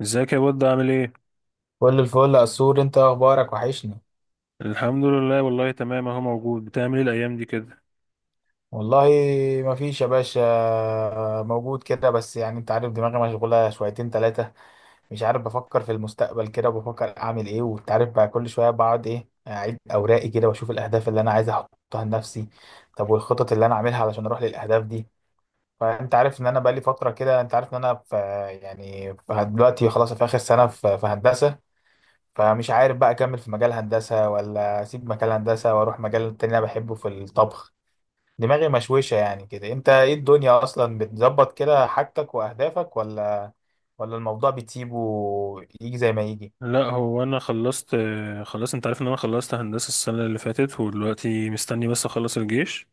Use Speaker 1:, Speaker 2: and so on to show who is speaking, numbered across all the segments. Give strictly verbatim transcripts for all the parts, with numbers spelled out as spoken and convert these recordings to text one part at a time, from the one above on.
Speaker 1: ازيك يا بود، عامل ايه؟
Speaker 2: كل الفل يا سور، انت إيه اخبارك؟ وحشني.
Speaker 1: الحمد لله، والله تمام اهو موجود. بتعمل ايه الايام دي كده؟
Speaker 2: والله ما فيش يا باشا، موجود كده، بس يعني انت عارف دماغي مشغوله شويتين ثلاثه. مش عارف، بفكر في المستقبل كده، بفكر اعمل ايه، وانت عارف بقى كل شويه بقعد ايه اعيد اوراقي كده واشوف الاهداف اللي انا عايز احطها لنفسي. طب والخطط اللي انا اعملها علشان اروح للاهداف دي. فانت عارف ان انا بقالي فتره كده، انت عارف ان انا في، يعني في دلوقتي خلاص في اخر سنه في في هندسه. فمش عارف بقى اكمل في مجال هندسه ولا اسيب مجال هندسه واروح مجال تاني انا بحبه في الطبخ. دماغي مشوشه يعني كده، انت ايه الدنيا اصلا بتظبط كده حاجتك واهدافك، ولا ولا الموضوع بتسيبه يجي زي ما يجي؟
Speaker 1: لا، هو انا خلصت، آه، خلاص انت عارف ان انا خلصت هندسة السنة اللي فاتت، ودلوقتي مستني بس اخلص الجيش،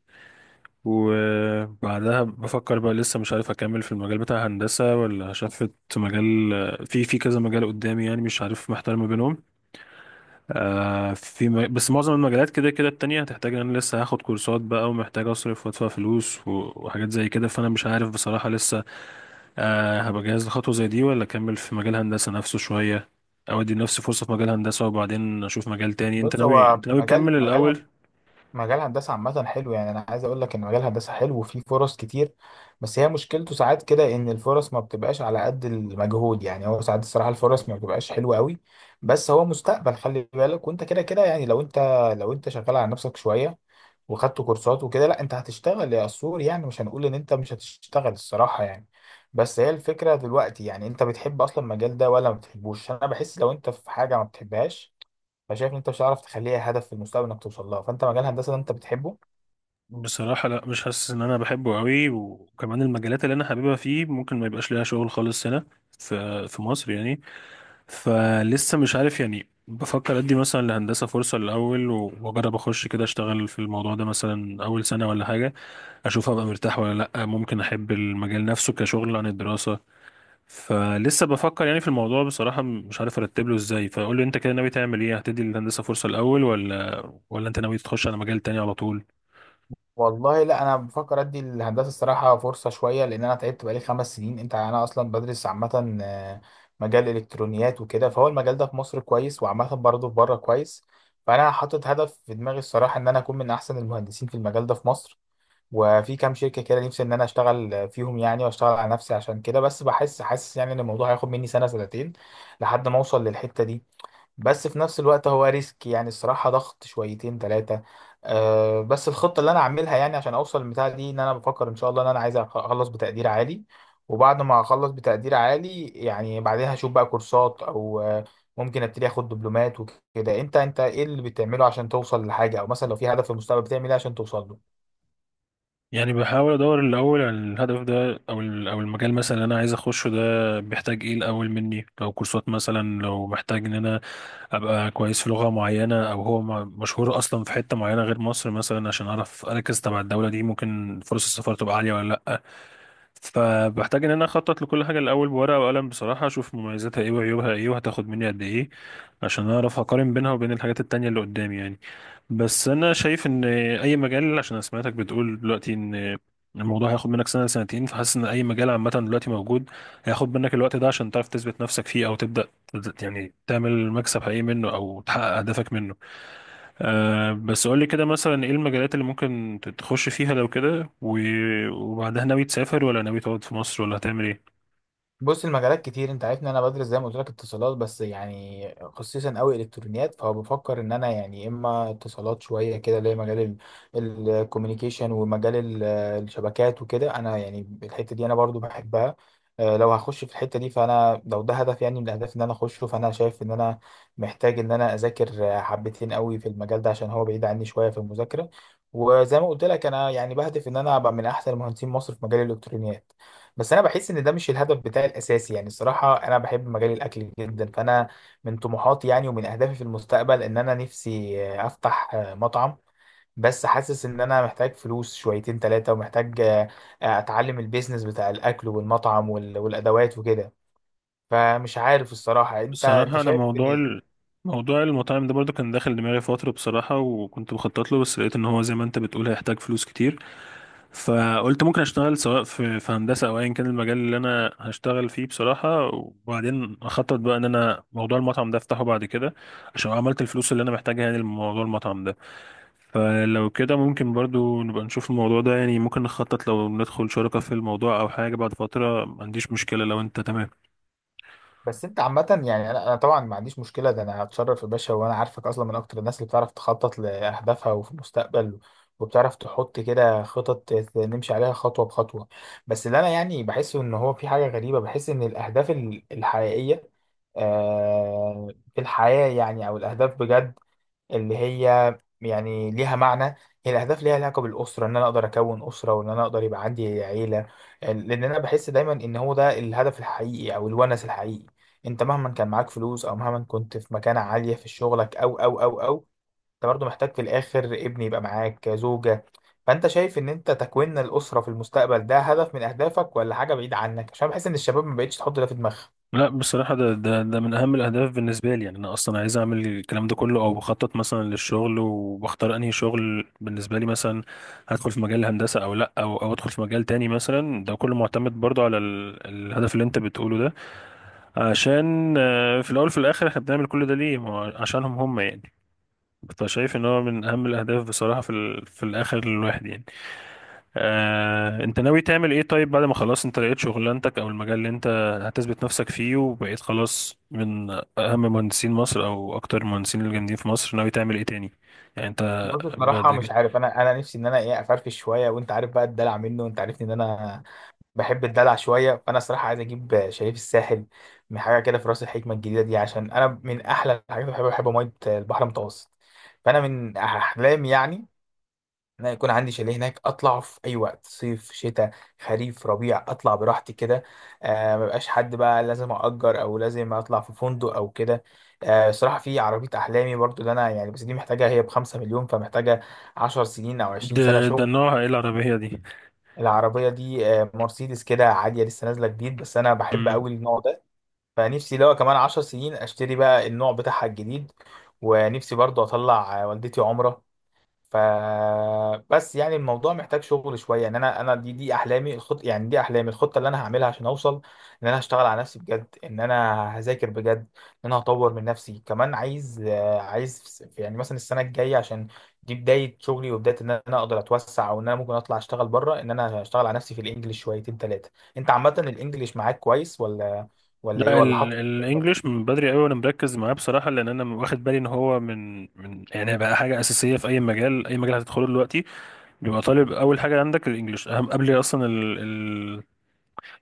Speaker 1: وبعدها بفكر بقى. لسه مش عارف اكمل في المجال بتاع هندسة ولا شفت مجال، آه، في في كذا مجال قدامي، يعني مش عارف، محتار ما بينهم. آه، في م... بس معظم المجالات كده كده التانية هتحتاج ان انا لسه هاخد كورسات بقى، ومحتاج اصرف وادفع فلوس و- وحاجات زي كده، فانا مش عارف بصراحة لسه أه هبقى جاهز لخطوة زي دي، ولا أكمل في مجال هندسة نفسه شوية، أو أدي لنفسي فرصة في مجال هندسة وبعدين أشوف مجال تاني. أنت
Speaker 2: بص
Speaker 1: ناوي
Speaker 2: هو
Speaker 1: أنت ناوي
Speaker 2: مجال
Speaker 1: تكمل
Speaker 2: مجال
Speaker 1: الأول؟
Speaker 2: هندسه، مجال هندسة عامة حلو، يعني أنا عايز أقول لك إن مجال هندسة حلو وفيه فرص كتير. بس هي مشكلته ساعات كده إن الفرص ما بتبقاش على قد المجهود، يعني هو ساعات الصراحة الفرص ما بتبقاش حلوة قوي. بس هو مستقبل، خلي بالك وأنت كده كده، يعني لو أنت لو أنت شغال على نفسك شوية وخدت كورسات وكده، لا أنت هتشتغل يا أسطور، يعني مش هنقول إن أنت مش هتشتغل الصراحة يعني. بس هي الفكرة دلوقتي، يعني أنت بتحب أصلا المجال ده ولا ما بتحبوش؟ أنا بحس لو أنت في حاجة ما بتحبهاش، فشايف ان انت مش هتعرف تخليها هدف في المستقبل انك توصل لها، فانت مجال الهندسه ده انت بتحبه؟
Speaker 1: بصراحة لا، مش حاسس إن أنا بحبه أوي، وكمان المجالات اللي أنا حاببها فيه ممكن ما يبقاش ليها شغل خالص هنا في في مصر يعني. فلسه مش عارف، يعني بفكر أدي مثلا لهندسة فرصة الأول و- وأجرب أخش كده، أشتغل في الموضوع ده مثلا أول سنة ولا حاجة، أشوف هبقى مرتاح ولا لأ. ممكن أحب المجال نفسه كشغل عن الدراسة، فلسه بفكر يعني في الموضوع بصراحة، مش عارف ارتب له ازاي. فقول لي انت كده، ناوي تعمل ايه؟ هتدي الهندسة فرصة الاول، ولا ولا انت ناوي تخش على مجال تاني على طول؟
Speaker 2: والله لا، انا بفكر ادي الهندسه الصراحه فرصه شويه، لان انا تعبت بقالي خمس سنين. انت يعني انا اصلا بدرس عامه آه، مجال الالكترونيات وكده، فهو المجال ده في مصر كويس، وعامه برضه في بره كويس. فانا حاطط هدف في دماغي الصراحه، ان انا اكون من احسن المهندسين في المجال ده في مصر، وفي كام شركه كده نفسي ان انا اشتغل فيهم، يعني واشتغل على نفسي عشان كده. بس بحس حاسس يعني ان الموضوع هياخد مني سنه سنتين لحد ما اوصل للحته دي. بس في نفس الوقت هو ريسك، يعني الصراحة ضغط شويتين ثلاثة. أه بس الخطة اللي أنا عاملها يعني عشان أوصل للبتاع دي، إن أنا بفكر إن شاء الله إن أنا عايز أخ- أخلص بتقدير عالي، وبعد ما أخلص بتقدير عالي يعني بعدها أشوف بقى كورسات أو آه، ممكن أبتدي آخد دبلومات وكده. أنت أنت إيه اللي بتعمله عشان توصل لحاجة، أو مثلا لو في هدف في المستقبل بتعمل إيه عشان توصل له؟
Speaker 1: يعني بحاول ادور الاول على الهدف ده، او ال- او المجال مثلا اللي انا عايز اخشه ده بيحتاج ايه الاول مني. لو كورسات مثلا، لو محتاج ان انا ابقى كويس في لغة معينة، او هو م- مشهور اصلا في حتة معينة غير مصر مثلا، عشان اعرف اركز تبع الدولة دي، ممكن فرص السفر تبقى عالية ولا لا. فبحتاج ان انا اخطط لكل حاجه الاول بورقه وقلم بصراحه، اشوف مميزاتها ايه وعيوبها ايه وهتاخد مني قد ايه، عشان اعرف اقارن بينها وبين الحاجات التانية اللي قدامي يعني. بس انا شايف ان اي مجال، عشان أنا سمعتك بتقول دلوقتي ان الموضوع هياخد منك سنه سنتين، فحاسس ان اي مجال عامه دلوقتي موجود هياخد منك الوقت ده عشان تعرف تثبت نفسك فيه، او تبدا يعني تعمل مكسب حقيقي منه او تحقق اهدافك منه. أه بس قول لي كده مثلا، ايه المجالات اللي ممكن تخش فيها لو كده، و- وبعدها ناوي تسافر ولا ناوي تقعد في مصر ولا هتعمل ايه؟
Speaker 2: بص المجالات كتير، انت عارف ان انا بدرس زي ما قلت لك اتصالات، بس يعني خصيصا قوي الكترونيات، فهو بفكر ان انا يعني اما اتصالات شويه كده اللي هي مجال الكوميونيكيشن، ومجال ال- الشبكات وكده، انا يعني الحته دي انا برضو بحبها. اه، لو هخش في الحته دي، فانا لو ده هدف يعني من الاهداف ان انا اخشه، فانا شايف ان انا محتاج ان انا اذاكر اه، حبتين قوي في المجال ده، عشان هو بعيد عني شويه في المذاكره. وزي ما قلت لك، انا يعني بهدف ان انا ابقى من احسن مهندسين مصر في مجال الالكترونيات. بس انا بحس ان ده مش الهدف بتاعي الاساسي، يعني الصراحه انا بحب مجال الاكل جدا، فانا من طموحاتي يعني ومن اهدافي في المستقبل ان انا نفسي آه، افتح آه، مطعم. بس حاسس ان انا محتاج فلوس شويتين ثلاثه، ومحتاج آه، آه، اتعلم البيزنس بتاع الاكل والمطعم وال- والادوات وكده. فمش عارف الصراحه، انت انت
Speaker 1: بصراحة انا
Speaker 2: شايف
Speaker 1: موضوع
Speaker 2: ان
Speaker 1: ال... موضوع المطاعم ده برضو كان داخل دماغي فترة بصراحة، وكنت بخطط له، بس لقيت ان هو زي ما انت بتقول هيحتاج فلوس كتير. فقلت ممكن اشتغل سواء في, في هندسة او ايا كان المجال اللي انا هشتغل فيه بصراحة، وبعدين اخطط بقى ان انا موضوع المطعم ده افتحه بعد كده عشان عملت الفلوس اللي انا محتاجها يعني لموضوع المطعم ده. فلو كده ممكن برضو نبقى نشوف الموضوع ده، يعني ممكن نخطط لو ندخل شركة في الموضوع أو حاجة بعد فترة، ما عنديش مشكلة لو أنت تمام.
Speaker 2: بس انت عامة يعني انا انا طبعا ما عنديش مشكلة، ده انا هتشرف يا باشا، وانا عارفك اصلا من اكتر الناس اللي بتعرف تخطط لاهدافها وفي المستقبل، وبتعرف تحط كده خطط ت- نمشي عليها خطوة بخطوة. بس اللي انا يعني بحسه ان هو في حاجة غريبة، بحس ان الاهداف ال- الحقيقية، آه، في الحياة يعني او الاهداف بجد اللي هي يعني ليها معنى، هي الأهداف ليها علاقة بالأسرة، إن أنا أقدر أكون أسرة وإن أنا أقدر يبقى عندي عيلة. لأن أنا بحس دايما إن هو ده الهدف الحقيقي أو الونس الحقيقي. أنت مهما كان معاك فلوس أو مهما كنت في مكانة عالية في شغلك أو أو أو أو أنت برضه محتاج في الآخر ابن يبقى معاك، زوجة. فأنت شايف إن أنت تكوين الأسرة في المستقبل ده هدف من أهدافك، ولا حاجة بعيد عنك؟ عشان بحس إن الشباب ما بقتش تحط ده في دماغها.
Speaker 1: لا بصراحة، ده ده ده من أهم الأهداف بالنسبة لي. يعني أنا أصلا عايز أعمل الكلام ده كله، أو بخطط مثلا للشغل وبختار أنهي شغل بالنسبة لي مثلا، هدخل في مجال الهندسة أو لأ، أو أو أدخل في مجال تاني مثلا، ده كله معتمد برضو على ال- الهدف اللي أنت بتقوله ده. عشان آه، في الأول في الآخر إحنا بنعمل كل ده ليه؟ ما هو عشانهم هم يعني. فشايف ان هو من اهم الاهداف بصراحه في ال... في الاخر للواحد يعني. آه... انت ناوي تعمل ايه طيب، بعد ما خلاص انت لقيت شغلانتك او المجال اللي انت هتثبت نفسك فيه، وبقيت خلاص من اهم مهندسين مصر او اكتر المهندسين الجامدين في مصر، ناوي تعمل ايه تاني يعني انت
Speaker 2: بص
Speaker 1: بعد؟
Speaker 2: بصراحة مش عارف، أنا أنا نفسي إن أنا إيه، أفرفش شوية، وأنت عارف بقى الدلع منه، وأنت عارفني إن أنا بحب الدلع شويه، فانا صراحه عايز اجيب شريف الساحل من حاجه كده في راس الحكمه الجديده دي، عشان انا من احلى الحاجات اللي بحبها بحب ميه البحر المتوسط. فانا من احلامي يعني ان أنا يكون عندي شاليه هناك، اطلع في اي وقت، صيف، شتاء، خريف، ربيع، اطلع براحتي كده، آه مبقاش حد بقى لازم اجر او لازم اطلع في فندق او كده. آه صراحه في عربيه احلامي برضو اللي انا يعني، بس دي محتاجه، هي بخمسة مليون، فمحتاجه عشر سنين او عشرين سنه
Speaker 1: ده ده
Speaker 2: شغل.
Speaker 1: نوعها ايه العربيه دي؟
Speaker 2: العربية دي آه، مرسيدس كده عادية لسه نازلة جديد، بس أنا بحب
Speaker 1: مم.
Speaker 2: أوي النوع ده. فنفسي لو كمان عشر سنين أشتري بقى النوع بتاعها الجديد، ونفسي برضو أطلع آه، والدتي عمرة. ف بس يعني الموضوع محتاج شغل شويه، ان انا انا دي دي احلامي الخط يعني دي احلامي الخطه اللي انا هعملها عشان اوصل، ان انا هشتغل على نفسي بجد، ان انا هذاكر بجد، ان انا هطور من نفسي، كمان عايز آه، عايز في- في- يعني مثلا السنه الجايه، عشان دي بدايه شغلي وبدايه ان انا اقدر اتوسع، او ان انا ممكن اطلع اشتغل بره، ان انا هشتغل على نفسي في الانجليش شويتين ثلاثه. انت عامه الانجليش معاك كويس ولا ولا ايه،
Speaker 1: لا،
Speaker 2: ولا
Speaker 1: ال-
Speaker 2: حاطط؟
Speaker 1: الانجليش من بدري قوي وانا مركز معاه بصراحه، لان انا واخد بالي ان هو من من يعني بقى حاجه اساسيه في اي مجال. اي مجال هتدخله دلوقتي بيبقى طالب اول حاجه عندك الانجليش اهم، قبل اصلا ال... ال...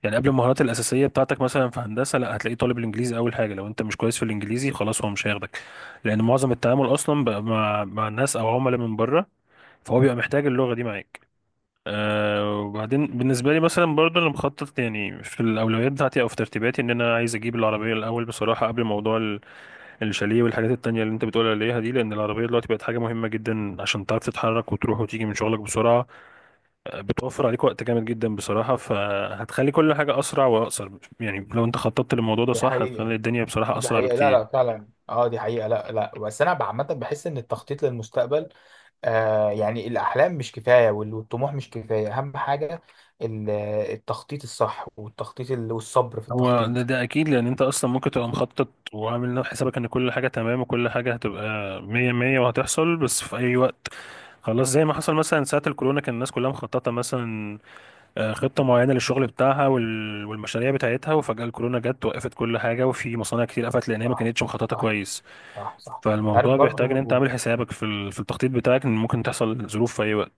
Speaker 1: يعني قبل المهارات الاساسيه بتاعتك. مثلا في هندسه، لا هتلاقيه طالب الانجليزي اول حاجه، لو انت مش كويس في الانجليزي خلاص هو مش هياخدك، لان معظم التعامل اصلا بقى مع مع الناس او عملاء من بره، فهو بيبقى محتاج اللغه دي معاك. أه وبعدين بالنسبه لي مثلا برضه، انا مخطط يعني في الاولويات بتاعتي او في ترتيباتي ان انا عايز اجيب العربيه الاول بصراحه، قبل موضوع ال- الشاليه والحاجات التانيه اللي انت بتقول عليها دي، لان العربيه دلوقتي بقت حاجه مهمه جدا، عشان تعرف تتحرك وتروح وتيجي من شغلك بسرعه، بتوفر عليك وقت جامد جدا بصراحة، فهتخلي كل حاجة أسرع وأقصر. يعني لو أنت خططت للموضوع ده
Speaker 2: دي
Speaker 1: صح، هتخلي
Speaker 2: حقيقة،
Speaker 1: الدنيا بصراحة
Speaker 2: دي
Speaker 1: أسرع
Speaker 2: حقيقة، لا
Speaker 1: بكتير.
Speaker 2: لا فعلا، اه، دي حقيقة، لا لا. بس انا عامة بحس ان التخطيط للمستقبل، آه يعني الاحلام مش كفاية وال- والطموح مش كفاية، اهم حاجة ال- التخطيط الصح، والتخطيط ال- والصبر في
Speaker 1: هو ده,
Speaker 2: التخطيط.
Speaker 1: ده أكيد لأن أنت أصلا ممكن تبقى مخطط وعامل حسابك إن كل حاجة تمام وكل حاجة هتبقى مية مية وهتحصل، بس في أي وقت خلاص. زي ما حصل مثلا ساعة الكورونا، كان الناس كلها مخططة مثلا، آه، خطة معينة للشغل بتاعها وال- والمشاريع بتاعتها، وفجأة الكورونا جت وقفت كل حاجة، وفي مصانع كتير قفلت لأن هي ما
Speaker 2: صح،
Speaker 1: كانتش مخططة
Speaker 2: صح.
Speaker 1: كويس.
Speaker 2: صح، صح. عارف
Speaker 1: فالموضوع بيحتاج ان
Speaker 2: برضو.
Speaker 1: انت عامل حسابك في ال- في التخطيط بتاعك ان ممكن تحصل ظروف في اي وقت.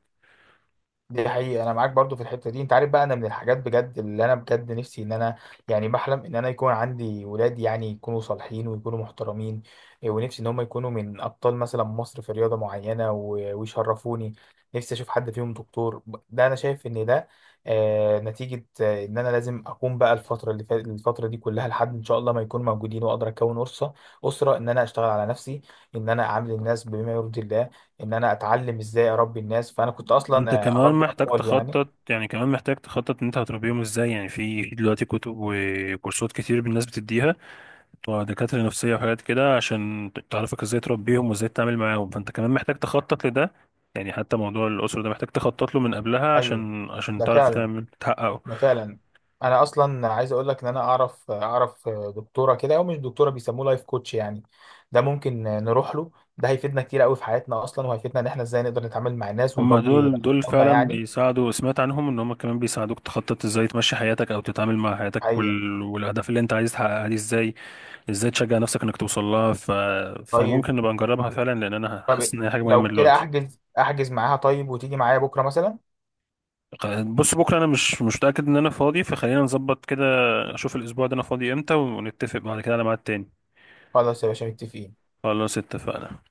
Speaker 2: دي حقيقة، أنا معاك برضو في الحتة دي، أنت عارف بقى أنا من الحاجات بجد اللي أنا بجد نفسي إن أنا، يعني بحلم إن أنا يكون عندي ولاد، يعني يكونوا صالحين ويكونوا محترمين. إيه، ونفسي إن هم يكونوا من أبطال مثلا مصر في رياضة معينة و- ويشرفوني. نفسي أشوف حد فيهم دكتور. ده أنا شايف إن ده آه نتيجة، آه إن أنا لازم أكون بقى الفترة اللي فات الفترة دي كلها لحد إن شاء الله ما يكون موجودين وأقدر أكون أسرة أسرة، إن أنا أشتغل على نفسي، إن أنا أعامل الناس بما يرضي الله، ان انا اتعلم ازاي اربي الناس، فانا كنت اصلا
Speaker 1: انت
Speaker 2: آه،
Speaker 1: كمان
Speaker 2: اربي
Speaker 1: محتاج
Speaker 2: اطفال يعني.
Speaker 1: تخطط، يعني كمان محتاج تخطط ان انت هتربيهم ازاي. يعني في في دلوقتي كتب وكورسات كتير الناس بتديها، بتوع دكاترة نفسية وحاجات كده، عشان ت- تعرفك ازاي تربيهم وازاي تتعامل معاهم، فانت كمان محتاج تخطط لده. يعني حتى موضوع الأسرة ده محتاج تخطط له من قبلها،
Speaker 2: ايوه،
Speaker 1: عشان عشان
Speaker 2: ده
Speaker 1: تعرف
Speaker 2: فعلا،
Speaker 1: تعمل تحققه.
Speaker 2: ده فعلا. انا اصلا عايز اقول لك ان انا اعرف اعرف دكتوره كده، او مش دكتوره بيسموه لايف كوتش يعني، ده ممكن نروح له. ده هيفيدنا كتير قوي في حياتنا اصلا، وهيفيدنا ان احنا ازاي نقدر نتعامل مع الناس
Speaker 1: هما
Speaker 2: ونربي
Speaker 1: دول دول
Speaker 2: اطفالنا
Speaker 1: فعلا
Speaker 2: يعني.
Speaker 1: بيساعدوا، سمعت عنهم ان هما كمان بيساعدوك تخطط ازاي تمشي حياتك او تتعامل مع حياتك،
Speaker 2: حقيقة.
Speaker 1: وال... والاهداف اللي انت عايز تحققها دي ازاي، ازاي تشجع نفسك انك توصل لها. ف...
Speaker 2: طيب.
Speaker 1: فممكن نبقى نجربها فعلا، لان انا حاسس
Speaker 2: طب
Speaker 1: ان هي حاجه مهمه
Speaker 2: لو كده
Speaker 1: دلوقتي.
Speaker 2: احجز احجز معاها، طيب وتيجي معايا بكره مثلا.
Speaker 1: خ- بص بكره انا مش مش متاكد ان انا فاضي، فخلينا نظبط كده، اشوف الاسبوع ده انا فاضي امتى، ونتفق بعد كده على ميعاد تاني.
Speaker 2: خلاص يا باشا، متفقين.
Speaker 1: خلاص اتفقنا.